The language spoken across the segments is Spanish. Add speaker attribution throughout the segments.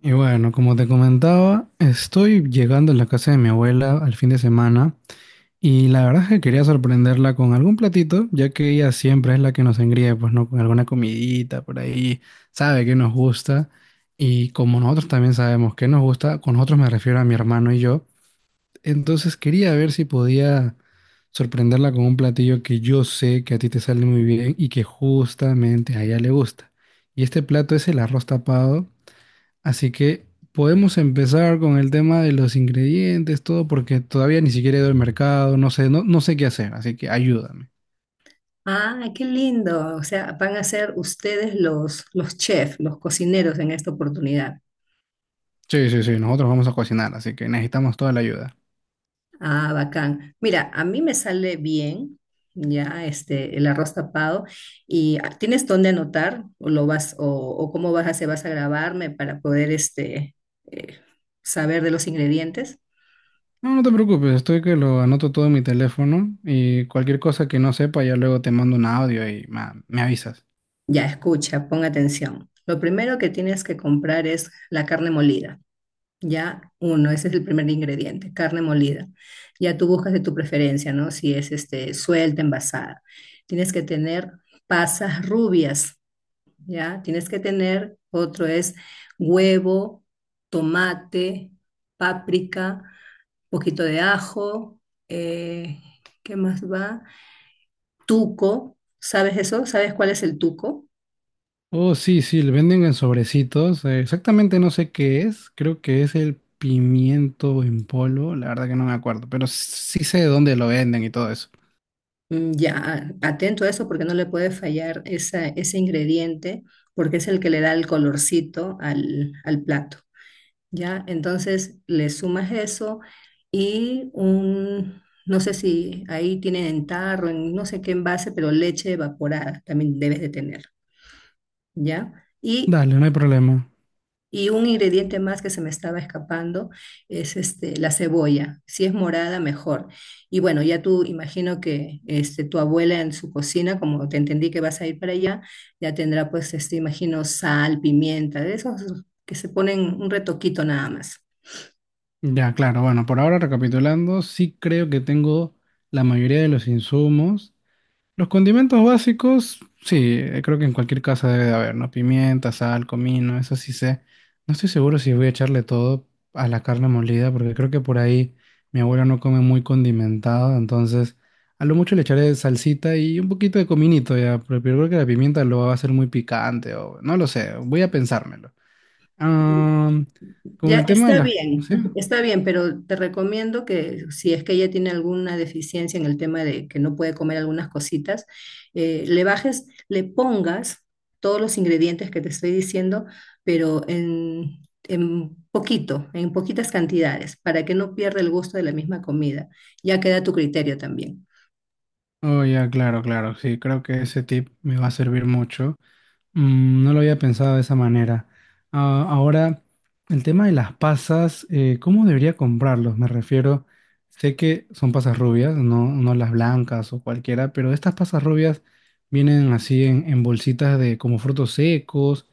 Speaker 1: Y bueno, como te comentaba, estoy llegando a la casa de mi abuela al fin de semana y la verdad es que quería sorprenderla con algún platito, ya que ella siempre es la que nos engríe, pues no, con alguna comidita por ahí, sabe que nos gusta y como nosotros también sabemos que nos gusta, con nosotros me refiero a mi hermano y yo, entonces quería ver si podía sorprenderla con un platillo que yo sé que a ti te sale muy bien y que justamente a ella le gusta. Y este plato es el arroz tapado. Así que podemos empezar con el tema de los ingredientes, todo, porque todavía ni siquiera he ido al mercado, no sé, no, no sé qué hacer, así que ayúdame.
Speaker 2: Ah, qué lindo. O sea, van a ser ustedes los chefs, los cocineros en esta oportunidad.
Speaker 1: Sí, sí, sí, nosotros vamos a cocinar, así que necesitamos toda la ayuda.
Speaker 2: Ah, bacán. Mira, a mí me sale bien ya este el arroz tapado. Y ah, ¿tienes dónde anotar o lo vas o cómo vas a hacer? ¿Vas a grabarme para poder este eh, saber de los ingredientes?
Speaker 1: No, no te preocupes, estoy que lo anoto todo en mi teléfono y cualquier cosa que no sepa ya luego te mando un audio y me avisas.
Speaker 2: Ya, escucha, pon atención. Lo primero que tienes que comprar es la carne molida. Ya, uno, ese es el primer ingrediente, carne molida. Ya tú buscas de tu preferencia, ¿no? Si es este, suelta, envasada. Tienes que tener pasas rubias, ¿ya? Tienes que tener, otro es huevo, tomate, páprica, poquito de ajo, eh, ¿qué más va? Tuco, ¿sabes eso? ¿Sabes cuál es el tuco?
Speaker 1: Oh, sí, sí, le venden en sobrecitos. Exactamente no sé qué es, creo que es el pimiento en polvo, la verdad que no me acuerdo, pero sí sé de dónde lo venden y todo eso.
Speaker 2: Mm, ya, atento a eso porque no le puede fallar esa, ese ingrediente, porque es el que le da el colorcito al plato, ¿ya? Entonces le sumas eso y un, no sé si ahí tienen en tarro, en no sé qué envase, pero leche evaporada también debes de tener, ¿ya?
Speaker 1: Dale, no hay problema.
Speaker 2: Y un ingrediente más que se me estaba escapando es este, la cebolla. Si es morada, mejor. Y bueno, ya tú imagino que este, tu abuela en su cocina, como te entendí que vas a ir para allá, ya tendrá pues, este, imagino, sal, pimienta, de esos que se ponen un retoquito nada más.
Speaker 1: Ya, claro. Bueno, por ahora recapitulando, sí creo que tengo la mayoría de los insumos. Los condimentos básicos, sí, creo que en cualquier casa debe de haber, ¿no? Pimienta, sal, comino, eso sí sé. No estoy seguro si voy a echarle todo a la carne molida, porque creo que por ahí mi abuela no come muy condimentado, entonces a lo mucho le echaré salsita y un poquito de cominito ya, pero creo que la pimienta lo va a hacer muy picante o no lo sé, voy a pensármelo. Ah, con
Speaker 2: Ya
Speaker 1: el tema de
Speaker 2: está
Speaker 1: las...
Speaker 2: bien,
Speaker 1: ¿Sí?
Speaker 2: ujú, está bien, pero te recomiendo que si es que ella tiene alguna deficiencia en el tema de que no puede comer algunas cositas, le bajes, le pongas todos los ingredientes que te estoy diciendo, pero en poquito, en poquitas cantidades, para que no pierda el gusto de la misma comida. Ya queda a tu criterio también.
Speaker 1: Oh, ya, claro, claro, sí, creo que ese tip me va a servir mucho. Mm, no lo había pensado de esa manera. Ah, ahora, el tema de las pasas, ¿cómo debería comprarlos? Me refiero, sé que son pasas rubias, no, no las blancas o cualquiera, pero estas pasas rubias vienen así en bolsitas de como frutos secos,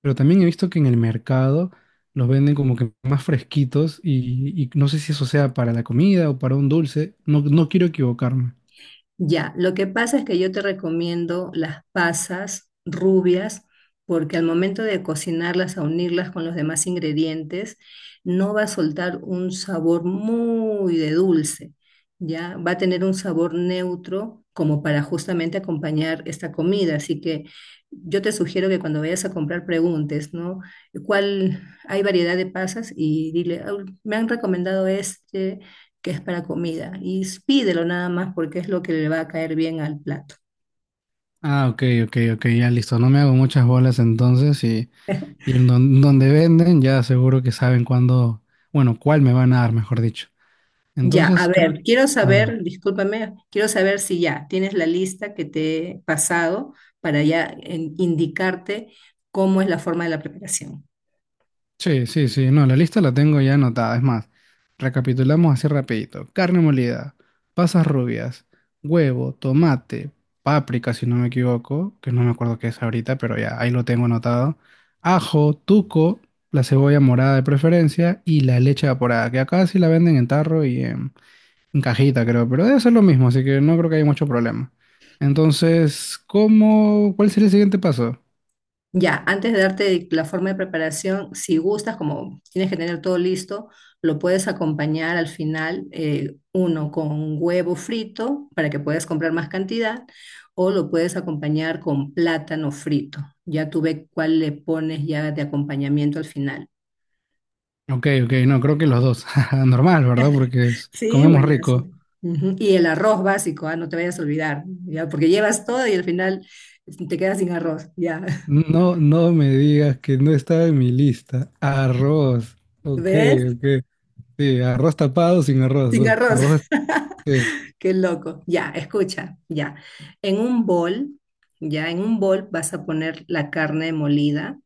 Speaker 1: pero también he visto que en el mercado los venden como que más fresquitos y no sé si eso sea para la comida o para un dulce, no, no quiero equivocarme.
Speaker 2: Ya, lo que pasa es que yo te recomiendo las pasas rubias porque al momento de cocinarlas, a unirlas con los demás ingredientes, no va a soltar un sabor muy de dulce, ya va a tener un sabor neutro como para justamente acompañar esta comida. Así que yo te sugiero que cuando vayas a comprar preguntes, ¿no? ¿Cuál hay variedad de pasas? Y dile: "Ah, me han recomendado este que es para comida", y pídelo nada más porque es lo que le va a caer bien al plato.
Speaker 1: Ah, ok, ok, ok, ya listo. No me hago muchas bolas entonces y en donde venden ya seguro que saben cuándo, bueno, cuál me van a dar, mejor dicho.
Speaker 2: Ya, a
Speaker 1: Entonces creo,
Speaker 2: ver, quiero
Speaker 1: a ver.
Speaker 2: saber, discúlpame, quiero saber si ya tienes la lista que te he pasado para ya indicarte cómo es la forma de la preparación.
Speaker 1: Sí, sí, sí. No, la lista la tengo ya anotada. Es más, recapitulamos así rapidito. Carne molida, pasas rubias, huevo, tomate, páprica, si no me equivoco, que no me acuerdo qué es ahorita, pero ya ahí lo tengo anotado. Ajo, tuco, la cebolla morada de preferencia y la leche evaporada, que acá sí la venden en tarro y en cajita, creo, pero debe ser lo mismo, así que no creo que haya mucho problema. Entonces, ¿cómo, cuál sería el siguiente paso?
Speaker 2: Ya, antes de darte la forma de preparación, si gustas, como tienes que tener todo listo, lo puedes acompañar al final, uno con huevo frito para que puedas comprar más cantidad, o lo puedes acompañar con plátano frito. Ya tú ve cuál le pones ya de acompañamiento al final.
Speaker 1: Ok, ok, no, creo que los dos. Normal, ¿verdad? Porque
Speaker 2: Sí,
Speaker 1: comemos rico.
Speaker 2: buenazo. Ujú, y el arroz básico, ah, no te vayas a olvidar, ya, porque llevas todo y al final te quedas sin arroz, ya.
Speaker 1: No, no me digas que no estaba en mi lista. Arroz. Ok,
Speaker 2: ¿Ves?
Speaker 1: ok. Sí, arroz tapado sin arroz.
Speaker 2: Sin arroz.
Speaker 1: Arroz. este-
Speaker 2: Qué loco. Ya, escucha, ya. En un bol, ya, en un bol vas a poner la carne molida,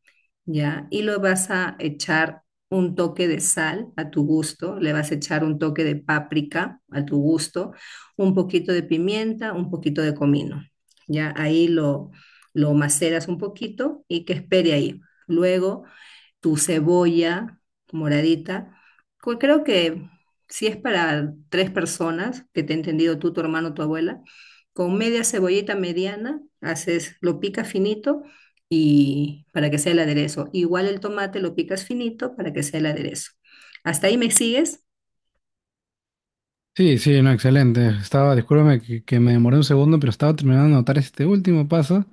Speaker 2: ya, y lo vas a echar un toque de sal a tu gusto, le vas a echar un toque de páprica a tu gusto, un poquito de pimienta, un poquito de comino. Ya, ahí lo maceras un poquito y que espere ahí. Luego tu cebolla moradita. Creo que si es para tres personas, que te he entendido tú, tu hermano, tu abuela, con media cebollita mediana, haces, lo picas finito y para que sea el aderezo. Igual el tomate lo picas finito para que sea el aderezo. ¿Hasta ahí me sigues?
Speaker 1: Sí, sí, no, excelente. Estaba, discúlpame que me demoré un segundo, pero estaba terminando de anotar este último paso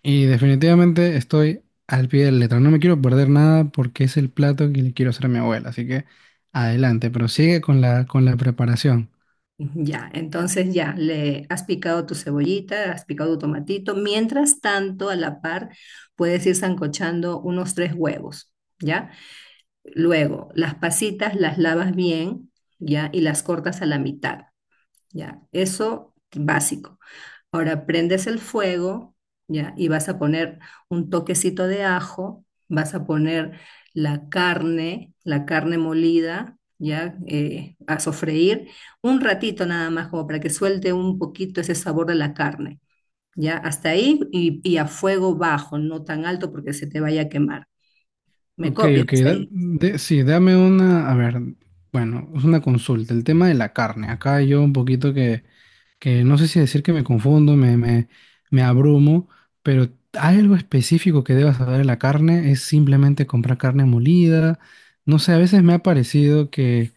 Speaker 1: y definitivamente estoy al pie de la letra. No me quiero perder nada porque es el plato que le quiero hacer a mi abuela, así que adelante, pero sigue con la preparación.
Speaker 2: Ya, entonces ya, le has picado tu cebollita, has picado tu tomatito. Mientras tanto, a la par, puedes ir sancochando unos tres huevos, ¿ya? Luego, las pasitas las lavas bien, ¿ya? Y las cortas a la mitad, ¿ya? Eso básico. Ahora prendes el fuego, ¿ya? Y vas a poner un toquecito de ajo, vas a poner la carne molida, ¿ya? A sofreír un ratito nada más, como para que suelte un poquito ese sabor de la carne, ¿ya? Hasta ahí y a fuego bajo, no tan alto porque se te vaya a quemar. ¿Me
Speaker 1: Ok,
Speaker 2: copias
Speaker 1: ok.
Speaker 2: hasta ahí?
Speaker 1: Sí, dame una, a ver, bueno, es una consulta. El tema de la carne. Acá yo un poquito que no sé si decir que me confundo, me abrumo, pero algo específico que debas saber de la carne es simplemente comprar carne molida. No sé, a veces me ha parecido que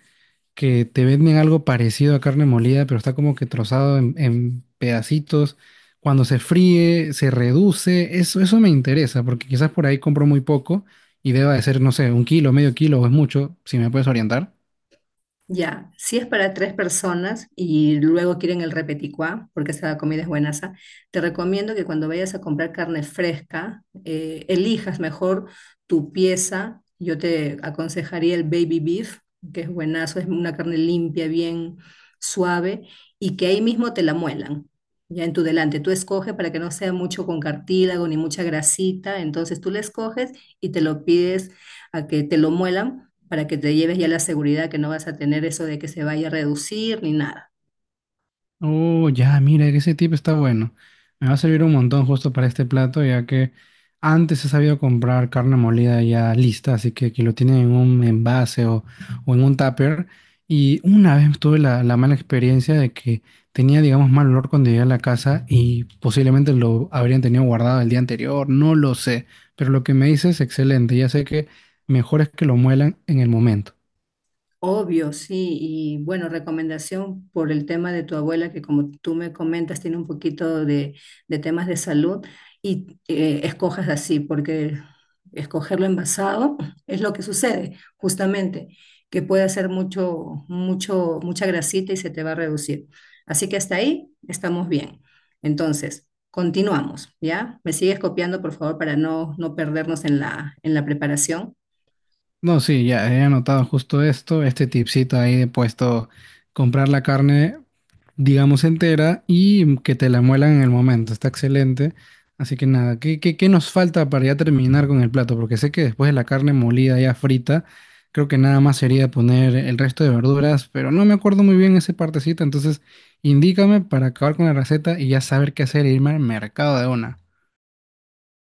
Speaker 1: te venden algo parecido a carne molida, pero está como que trozado en pedacitos. Cuando se fríe, se reduce. Eso me interesa, porque quizás por ahí compro muy poco y deba de ser, no sé, un kilo, medio kilo o es mucho, si me puedes orientar.
Speaker 2: Ya, si es para tres personas y luego quieren el repeticuá, porque esa comida es buenaza, te recomiendo que cuando vayas a comprar carne fresca, elijas mejor tu pieza. Yo te aconsejaría el baby beef, que es buenazo, es una carne limpia, bien suave, y que ahí mismo te la muelan, ya en tu delante. Tú escoges para que no sea mucho con cartílago ni mucha grasita, entonces tú la escoges y te lo pides a que te lo muelan para que te lleves ya la seguridad que no vas a tener eso de que se vaya a reducir ni nada.
Speaker 1: Oh, ya, mira, que ese tip está bueno. Me va a servir un montón justo para este plato, ya que antes he sabido comprar carne molida ya lista, así que aquí lo tienen en un envase o en un tupper. Y una vez tuve la, la mala experiencia de que tenía, digamos, mal olor cuando llegué a la casa y posiblemente lo habrían tenido guardado el día anterior, no lo sé. Pero lo que me dices es excelente, ya sé que mejor es que lo muelan en el momento.
Speaker 2: Obvio, sí, y bueno, recomendación por el tema de tu abuela, que como tú me comentas, tiene un poquito de temas de salud, y escojas así, porque escogerlo envasado es lo que sucede, justamente, que puede hacer mucho, mucho, mucha grasita y se te va a reducir. Así que hasta ahí estamos bien. Entonces, continuamos, ¿ya? Me sigues copiando, por favor, para no perdernos en en la preparación.
Speaker 1: No, sí, ya he anotado justo esto, este tipcito ahí de puesto, comprar la carne, digamos, entera y que te la muelan en el momento, está excelente. Así que nada, ¿qué, qué, qué nos falta para ya terminar con el plato? Porque sé que después de la carne molida ya frita, creo que nada más sería poner el resto de verduras, pero no me acuerdo muy bien esa partecita, entonces indícame para acabar con la receta y ya saber qué hacer e irme al mercado de una.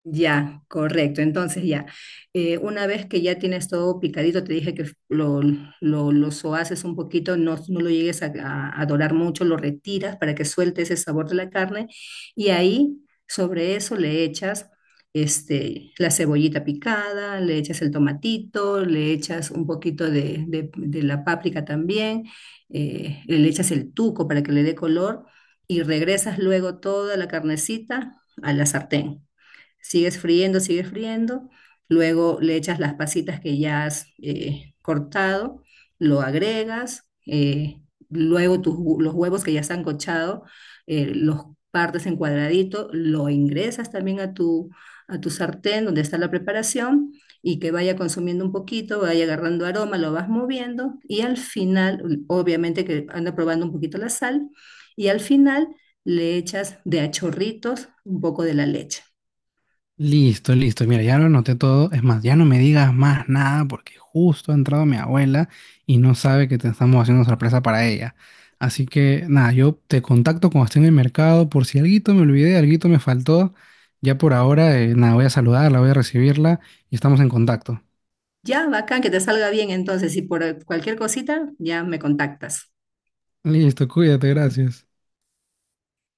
Speaker 2: Ya, correcto. Entonces ya, una vez que ya tienes todo picadito, te dije que lo sohaces un poquito, no lo llegues a, a dorar mucho, lo retiras para que suelte ese sabor de la carne y ahí sobre eso le echas este, la cebollita picada, le echas el tomatito, le echas un poquito de, de la páprica también, le echas el tuco para que le dé color y regresas luego toda la carnecita a la sartén. Sigues friendo, sigues friendo. Luego le echas las pasitas que ya has cortado, lo agregas. Luego los huevos que ya están cochados, los partes en cuadradito, lo ingresas también a tu sartén donde está la preparación y que vaya consumiendo un poquito, vaya agarrando aroma, lo vas moviendo y al final, obviamente que anda probando un poquito la sal, y al final le echas de a chorritos un poco de la leche.
Speaker 1: Listo, listo. Mira, ya lo anoté todo. Es más, ya no me digas más nada porque justo ha entrado mi abuela y no sabe que te estamos haciendo sorpresa para ella. Así que nada, yo te contacto cuando esté en el mercado por si alguito me olvidé, alguito me faltó. Ya por ahora, nada, voy a saludarla, voy a recibirla y estamos en contacto.
Speaker 2: Ya, bacán, que te salga bien entonces. Y por cualquier cosita, ya me contactas.
Speaker 1: Listo, cuídate, gracias.